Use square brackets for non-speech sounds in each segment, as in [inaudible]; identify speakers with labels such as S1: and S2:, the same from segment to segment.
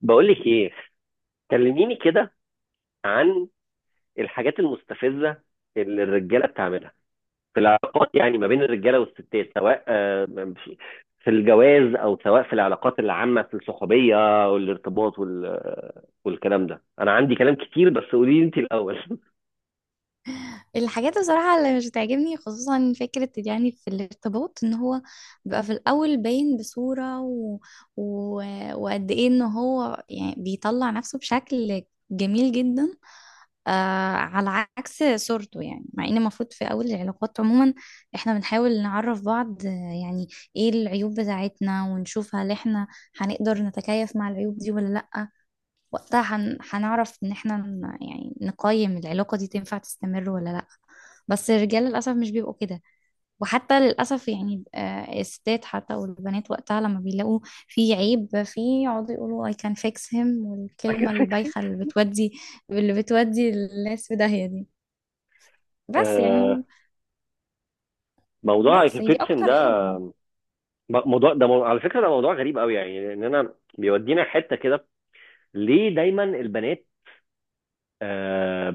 S1: بقول لك ايه؟ كلميني كده عن الحاجات المستفزه اللي الرجاله بتعملها في العلاقات، يعني ما بين الرجاله والستات، سواء في في الجواز، او سواء في العلاقات العامه، في الصحوبيه والارتباط والكلام ده. انا عندي كلام كتير، بس قولي لي انت الاول. [laughs]
S2: الحاجات بصراحة اللي مش بتعجبني، خصوصا فكرة، يعني في الارتباط ان هو بيبقى في الاول باين بصورة و... وقد ايه ان هو يعني بيطلع نفسه بشكل جميل جدا، آه على عكس صورته. يعني مع ان المفروض في اول العلاقات عموما احنا بنحاول نعرف بعض، يعني ايه العيوب بتاعتنا، ونشوف هل احنا هنقدر نتكيف مع العيوب دي ولا لا. وقتها هنعرف ان احنا يعني نقيم العلاقة دي تنفع تستمر ولا لا. بس الرجال للأسف مش بيبقوا كده. وحتى للأسف يعني الستات حتى والبنات وقتها لما بيلاقوا في عيب فيه يقعدوا يقولوا I can fix him،
S1: اكل
S2: والكلمة
S1: فيكسن.
S2: البايخة اللي بتودي الناس في داهية دي. بس
S1: آه،
S2: يعني،
S1: موضوع
S2: بس
S1: اكل
S2: هي دي
S1: فيكسن
S2: أكتر
S1: ده،
S2: حاجة.
S1: موضوع ده على فكره ده موضوع غريب قوي، يعني لان انا بيودينا حته كده. ليه دايما البنات آه،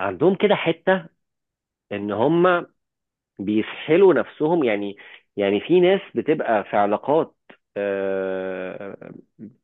S1: عندهم كده حته ان هم بيسحلوا نفسهم؟ يعني، يعني في ناس بتبقى في علاقات آه،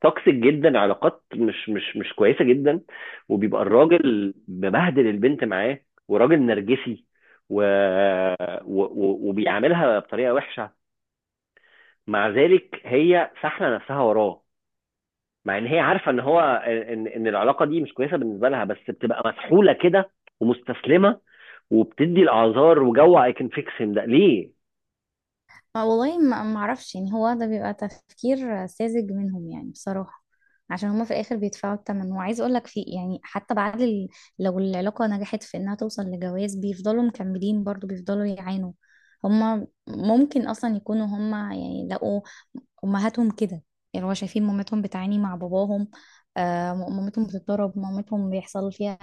S1: توكسيك جدا، علاقات مش كويسه جدا، وبيبقى الراجل مبهدل البنت معاه، وراجل نرجسي، و... و... و- وبيعاملها بطريقه وحشه. مع ذلك هي ساحله نفسها وراه، مع ان هي عارفه ان هو، ان العلاقه دي مش كويسه بالنسبه لها، بس بتبقى مسحوله كده ومستسلمه، وبتدي الاعذار وجو اي كان فيكس ده ليه.
S2: والله ما اعرفش. يعني هو ده بيبقى تفكير ساذج منهم، يعني بصراحة. عشان هما في الاخر بيدفعوا الثمن. وعايز اقول لك في، يعني حتى بعد لو العلاقة نجحت في انها توصل لجواز، بيفضلوا مكملين برضو، بيفضلوا يعانوا. هما ممكن اصلا يكونوا هما يعني لقوا امهاتهم كده. يعني هو شايفين مامتهم بتعاني مع باباهم. مامتهم بتتضرب، مامتهم بيحصل فيها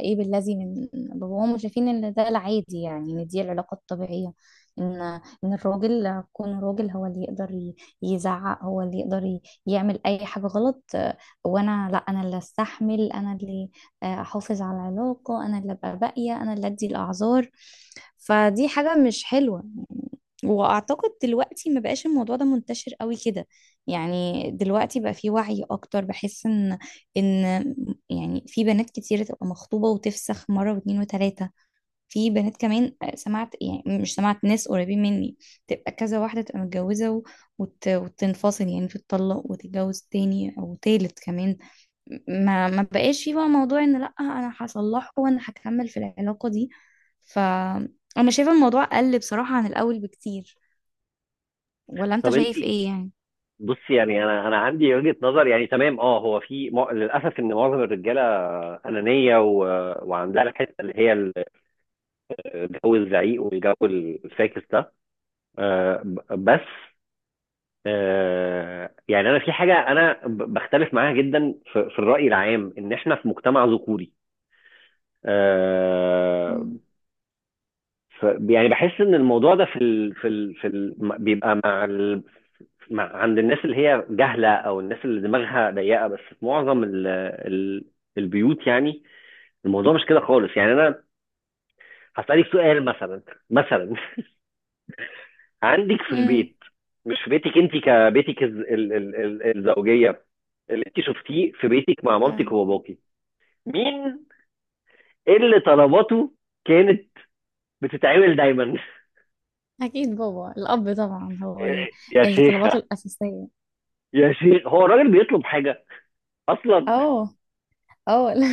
S2: ايه بالذي من باباهم، وشايفين ان ده العادي، يعني ان دي العلاقة الطبيعية. ان ان الراجل كون راجل هو اللي يقدر يزعق، هو اللي يقدر يعمل اي حاجة غلط، وانا لا، انا اللي استحمل، انا اللي احافظ على العلاقة، انا اللي ابقى باقية، انا اللي ادي الاعذار. فدي حاجة مش حلوة. واعتقد دلوقتي ما بقاش الموضوع ده منتشر قوي كده. يعني دلوقتي بقى في وعي اكتر، بحس ان ان يعني في بنات كتير تبقى مخطوبة وتفسخ مرة واتنين وتلاتة. في بنات كمان، سمعت، يعني مش سمعت، ناس قريبين مني تبقى كذا واحدة، تبقى متجوزة وتنفصل، يعني تتطلق وتتجوز تاني او تالت كمان. ما بقاش في بقى موضوع ان لا، انا هصلحه وانا هكمل في العلاقة دي. ف انا شايفة الموضوع قل بصراحة عن الاول بكتير. ولا انت
S1: طب انت،
S2: شايف ايه يعني؟
S1: بص، يعني انا، عندي وجهة نظر. يعني تمام، اه، هو في للاسف ان معظم الرجاله انانيه، و... وعندها الحته اللي هي الجو الزعيق والجو الفاكس ده. بس يعني انا في حاجه انا بختلف معاها جدا، في، في الراي العام ان احنا في مجتمع ذكوري. آه
S2: مم.
S1: ف... يعني بحس ان الموضوع ده بيبقى مع ال... ما- عند الناس اللي هي جهلة، أو الناس اللي دماغها ضيقة، بس في معظم ال البيوت يعني الموضوع مش كده خالص. يعني أنا هسألك سؤال، مثلا. [laughs] عندك في
S2: مم.
S1: البيت، مش في بيتك أنت، كبيتك الزوجية، اللي أنت شفتيه في بيتك مع
S2: اه،
S1: مامتك وباباكي، مين اللي طلباته كانت بتتعمل دايما؟ [laughs]
S2: أكيد بابا، الأب طبعا،
S1: يا
S2: اللي طلباته
S1: شيخة،
S2: الأساسية.
S1: يا شيخ، هو الراجل بيطلب حاجة أصلا؟
S2: اه. اه لا.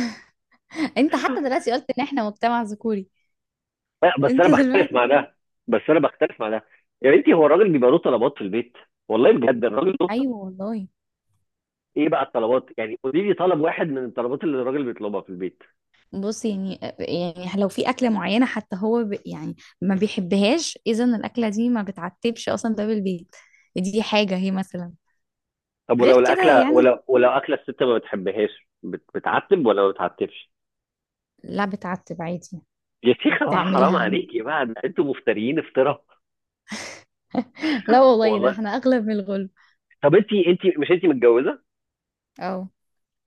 S2: [laughs] أنت حتى دلوقتي قلت إن إحنا مجتمع ذكوري.
S1: لا، بس انا
S2: انت
S1: بختلف
S2: دلوقتي.
S1: مع ده، بس انا بختلف مع ده يا بنتي، هو الراجل بيبقى له طلبات في البيت؟ والله بجد، الراجل له
S2: [laughs] أيوه والله.
S1: ايه بقى الطلبات؟ يعني قولي لي طلب واحد من الطلبات اللي الراجل بيطلبها في البيت.
S2: بص، يعني لو في أكلة معينة حتى هو يعني ما بيحبهاش، إذا الأكلة دي ما بتعتبش أصلا باب البيت. دي حاجة، هي مثلا،
S1: طب
S2: غير
S1: ولو
S2: كده
S1: الاكله،
S2: يعني.
S1: ولو اكله الست ما بتحبهاش، بتعتب ولا ما بتعتبش؟
S2: لا، بتعتب عادي،
S1: يا شيخه بقى،
S2: وبتعملها
S1: حرام
S2: عادي.
S1: عليكي بقى، ده انتوا مفتريين افتراء.
S2: [laughs] لا والله، ده
S1: والله.
S2: إحنا أغلب من الغلب.
S1: طب انت، انت مش انت متجوزه؟
S2: اه.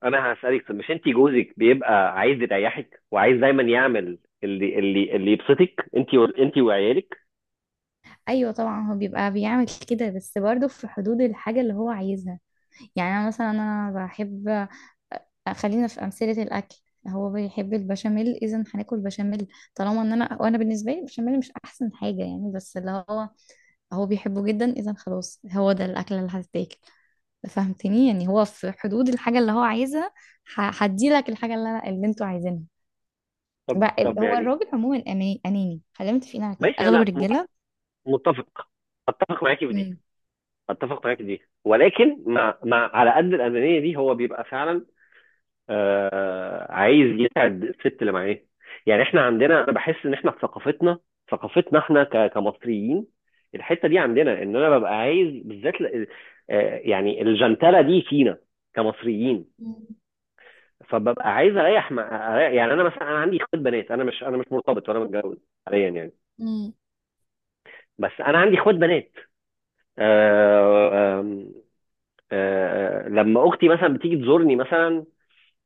S1: انا هسالك، طب مش انت جوزك بيبقى عايز يريحك، وعايز دايما يعمل اللي يبسطك، انت، وعيالك؟
S2: ايوه طبعا هو بيبقى بيعمل كده، بس برضه في حدود الحاجه اللي هو عايزها. يعني انا مثلا، انا بحب، خلينا في امثله الاكل. هو بيحب البشاميل، اذا هناكل بشاميل. طالما ان انا، وانا بالنسبه لي البشاميل مش احسن حاجه يعني، بس اللي هو بيحبه جدا، اذا خلاص هو ده الاكله اللي هتتاكل. فهمتني؟ يعني هو في حدود الحاجه اللي هو عايزها. هدي لك الحاجه اللي انا، اللي انتوا عايزينها.
S1: طب،
S2: هو
S1: يعني،
S2: الراجل عموما اناني، خلينا متفقين على كده،
S1: ماشي،
S2: اغلب
S1: انا
S2: الرجاله.
S1: متفق. اتفق معاكي في دي،
S2: امم.
S1: ولكن مع، على قد الانانيه دي، هو بيبقى فعلا، آه، عايز يسعد الست اللي معاه. يعني احنا عندنا، انا بحس ان احنا في ثقافتنا، احنا كمصريين، الحته دي عندنا ان انا ببقى عايز بالذات يعني الجنتله دي فينا كمصريين.
S2: مم.
S1: فببقى عايز اريح، يعني انا مثلا، انا عندي اخوات بنات. انا مش، انا مش مرتبط ولا متجوز حاليا، يعني
S2: مم.
S1: بس انا عندي اخوات بنات. آه، آم، آه، لما اختي مثلا بتيجي تزورني مثلا،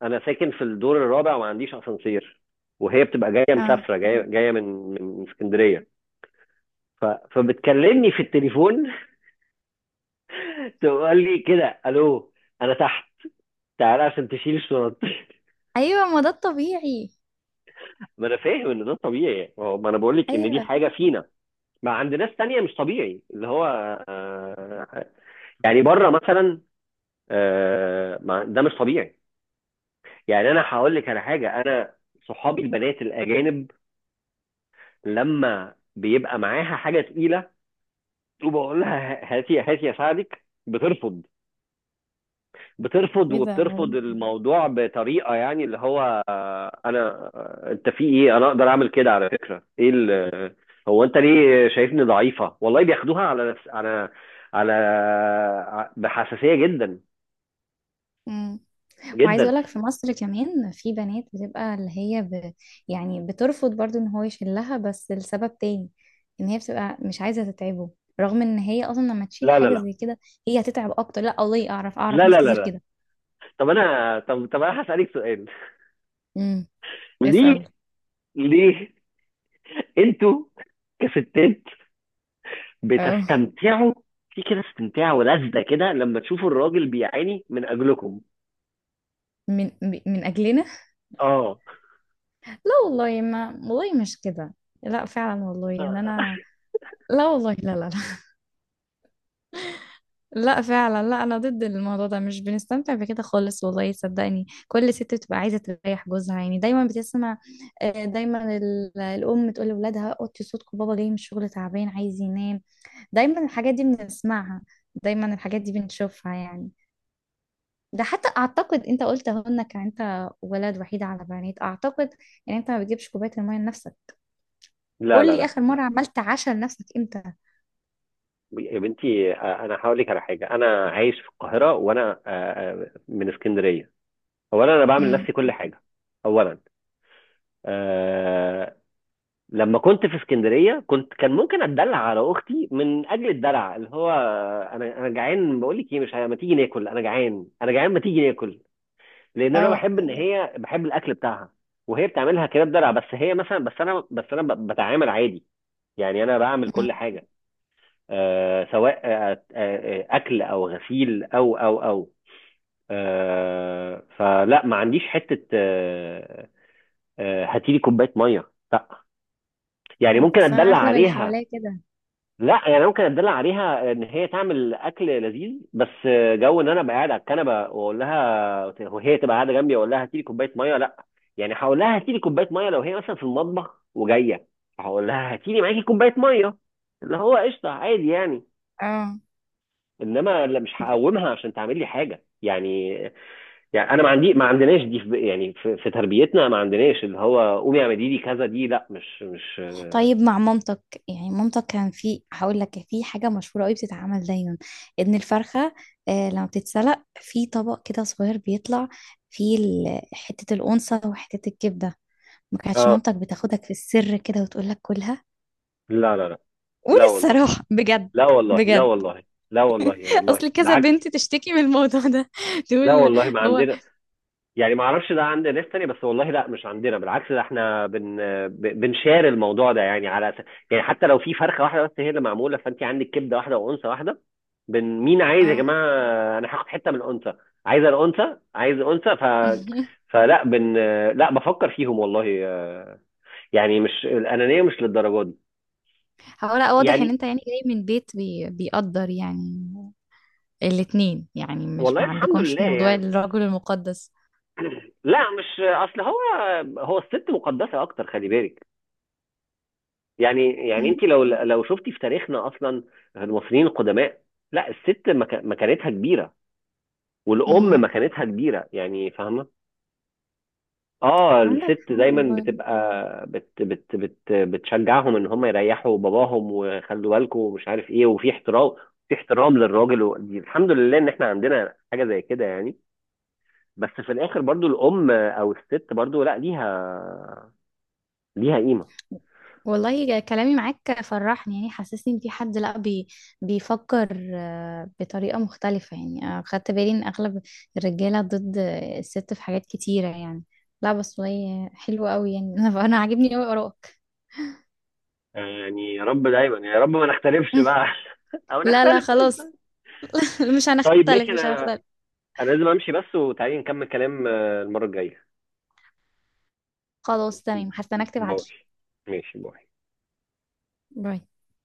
S1: انا ساكن في الدور الرابع وما عنديش اسانسير، وهي بتبقى جايه،
S2: اه.
S1: مسافره جايه، جايه من، من اسكندريه. ف- فبتكلمني في التليفون، [laughs] تقول لي كده: الو، انا تحت، تعالى عشان تشيل الشنط. [laughs]
S2: ايوه، ما ده الطبيعي.
S1: ما انا فاهم ان ده طبيعي. ما انا بقول لك ان دي
S2: ايوه.
S1: حاجه فينا، ما عند ناس تانية مش طبيعي اللي هو، آه، يعني بره مثلا، ده مش طبيعي. يعني انا هقول لك على حاجه، انا صحابي البنات الاجانب لما بيبقى معاها حاجه تقيله، وبقول لها هاتي، هاتي اساعدك، بترفض. بترفض
S2: ايه ده
S1: وبترفض
S2: غريب.
S1: الموضوع بطريقه، يعني اللي هو، آه، انا، آه، انت في ايه، انا اقدر اعمل كده، على فكره ايه هو انت ليه شايفني ضعيفه؟ والله بياخدوها على نفس، على، على بحساسيه جدا،
S2: امم. وعايزه
S1: جدا.
S2: اقول لك في مصر كمان في بنات بتبقى اللي هي يعني بترفض برضو ان هو يشيلها، بس لسبب تاني، ان هي بتبقى مش عايزه تتعبه. رغم ان هي اصلا لما تشيل
S1: لا، لا،
S2: حاجه
S1: لا،
S2: زي كده هي هتتعب اكتر. لا والله، اعرف
S1: لا،
S2: ناس
S1: لا، لا،
S2: كتير
S1: لا.
S2: كده.
S1: طب انا، طب انا هسالك سؤال.
S2: امم.
S1: ليه،
S2: اسال.
S1: ليه انتوا كستات
S2: اه.
S1: بتستمتعوا في كده؟ استمتاع ولذة كده لما تشوفوا الراجل بيعاني من اجلكم؟
S2: من اجلنا؟
S1: اه.
S2: لا والله، ما والله مش كده. لا فعلا والله، ان انا،
S1: [laughs]
S2: لا والله، لا لا. لا فعلا لا، انا ضد الموضوع ده، مش بنستمتع بكده خالص. والله صدقني، كل ست بتبقى عايزه تريح جوزها. يعني دايما بتسمع، دايما الام تقول لاولادها اوطي صوتكم، بابا جاي من الشغل تعبان عايز ينام. دايما الحاجات دي بنسمعها، دايما الحاجات دي بنشوفها يعني. ده حتى اعتقد، انت قلت اهو انك انت ولد وحيد على بنات، اعتقد ان انت ما بتجيبش كوبايه الميه لنفسك.
S1: لا،
S2: قول
S1: لا،
S2: لي
S1: لا،
S2: اخر
S1: لا.
S2: مره عملت عشاء لنفسك امتى؟
S1: يا بنتي، انا هقول لك على حاجه. انا عايش في القاهره وانا من اسكندريه. اولا، انا بعمل
S2: امم.
S1: لنفسي كل حاجه. اولا، آه لما كنت في اسكندريه كنت، كان ممكن اتدلع على اختي، من اجل الدلع اللي هو انا، انا جعان، بقول لك ايه، مش ه- ما تيجي ناكل، انا جعان، ما تيجي ناكل، لان انا
S2: اه.
S1: بحب ان هي بحب الاكل بتاعها وهي بتعملها كده بدلع. بس هي مثلا، بس انا بتعامل عادي. يعني انا بعمل كل حاجه، آه، سواء اكل او غسيل او، آه، فلا ما عنديش حته آه، آه، هاتيلي كوبايه ميه، لا. يعني
S2: امم،
S1: ممكن
S2: اصلا
S1: اتدلع
S2: اغلب اللي
S1: عليها،
S2: حواليا كده.
S1: لا يعني ممكن اتدلع عليها ان هي تعمل اكل لذيذ بس. جو ان انا ابقى قاعد على الكنبه واقول لها، وهي تبقى قاعده جنبي واقول لها هاتي لي كوبايه ميه، لا. يعني هقول لها هاتي لي كوبايه ميه لو هي مثلا في المطبخ وجايه، هقول لها هاتي لي معاكي كوبايه ميه، اللي هو قشطه عادي يعني.
S2: اه.
S1: انما لا، مش هقومها عشان تعمل لي حاجه يعني. يعني انا ما عندي، ما عندناش دي في يعني في, في تربيتنا ما عندناش اللي هو قومي اعملي لي كذا، دي لا، مش، مش.
S2: طيب مع مامتك، يعني مامتك كان في، هقول لك في حاجة مشهورة قوي بتتعمل دايما. ان الفرخة لما بتتسلق في طبق كده صغير بيطلع فيه حتة الأنثى وحتة الكبدة. ما كانتش
S1: اه،
S2: مامتك بتاخدك في السر كده وتقول لك كلها؟
S1: لا، لا، لا.
S2: قول
S1: لا والله،
S2: الصراحة بجد.
S1: لا والله. لا
S2: بجد.
S1: والله، لا والله
S2: [laughs] اصل كذا
S1: بالعكس.
S2: بنت تشتكي من الموضوع ده، [laughs]
S1: لا
S2: تقول.
S1: والله، ما
S2: هو.
S1: عندنا. يعني ما اعرفش ده عند ناس تانية، بس والله لا، مش عندنا. بالعكس، ده احنا بنشار الموضوع ده يعني على يعني حتى لو في فرخه واحده بس هي اللي معموله، فانت عندك كبده واحده وانثى واحده، مين عايز يا
S2: اه.
S1: جماعه؟ انا هاخد حته من الانثى، عايز الانثى، عايز انثى. ف
S2: [laughs]
S1: فلا بن لا بفكر فيهم والله. يعني مش الانانيه مش للدرجه دي
S2: هو لا، واضح ان
S1: يعني.
S2: انت يعني جاي من بيت بيقدر يعني الاتنين، يعني مش،
S1: والله
S2: ما
S1: الحمد
S2: عندكمش
S1: لله
S2: موضوع
S1: يعني.
S2: الرجل المقدس.
S1: لا، مش، اصل هو الست مقدسه اكتر، خلي بالك. يعني، يعني
S2: مم.
S1: انت لو، لو شفتي في تاريخنا اصلا، المصريين القدماء، لا الست مكانتها كبيره،
S2: مم.
S1: والام مكانتها كبيره، يعني فاهمه. اه
S2: عندك
S1: الست
S2: حق
S1: دايما
S2: والله.
S1: بتبقى بت بت بت بتشجعهم ان هم يريحوا باباهم، وخلوا بالكم ومش عارف ايه، وفي احترام، في احترام للراجل و... دي الحمد لله ان احنا عندنا حاجه زي كده يعني. بس في الاخر برضو، الام او الست برضو، لا، ليها، ليها قيمه.
S2: والله كلامي معاك فرحني، يعني حسسني ان في حد لا، بيفكر، بطريقة مختلفة، يعني. خدت بالي ان اغلب الرجالة ضد، الست في حاجات كتيرة يعني. لا بس والله حلوة قوي يعني. [laughs] أنا عاجبني قوي ارائك.
S1: يعني يا رب دايما، يعني يا رب ما نختلفش
S2: [laughs]
S1: بقى. [laughs] او
S2: لا لا
S1: نختلف
S2: خلاص.
S1: قشطة.
S2: [laughs] مش
S1: طيب
S2: هنختلف،
S1: ماشي،
S2: مش
S1: انا،
S2: هنختلف.
S1: انا لازم امشي بس. وتعالي نكمل كلام المره الجايه.
S2: خلاص تمام، هستناك
S1: باي.
S2: تبعتلي.
S1: ماشي، باي.
S2: باي.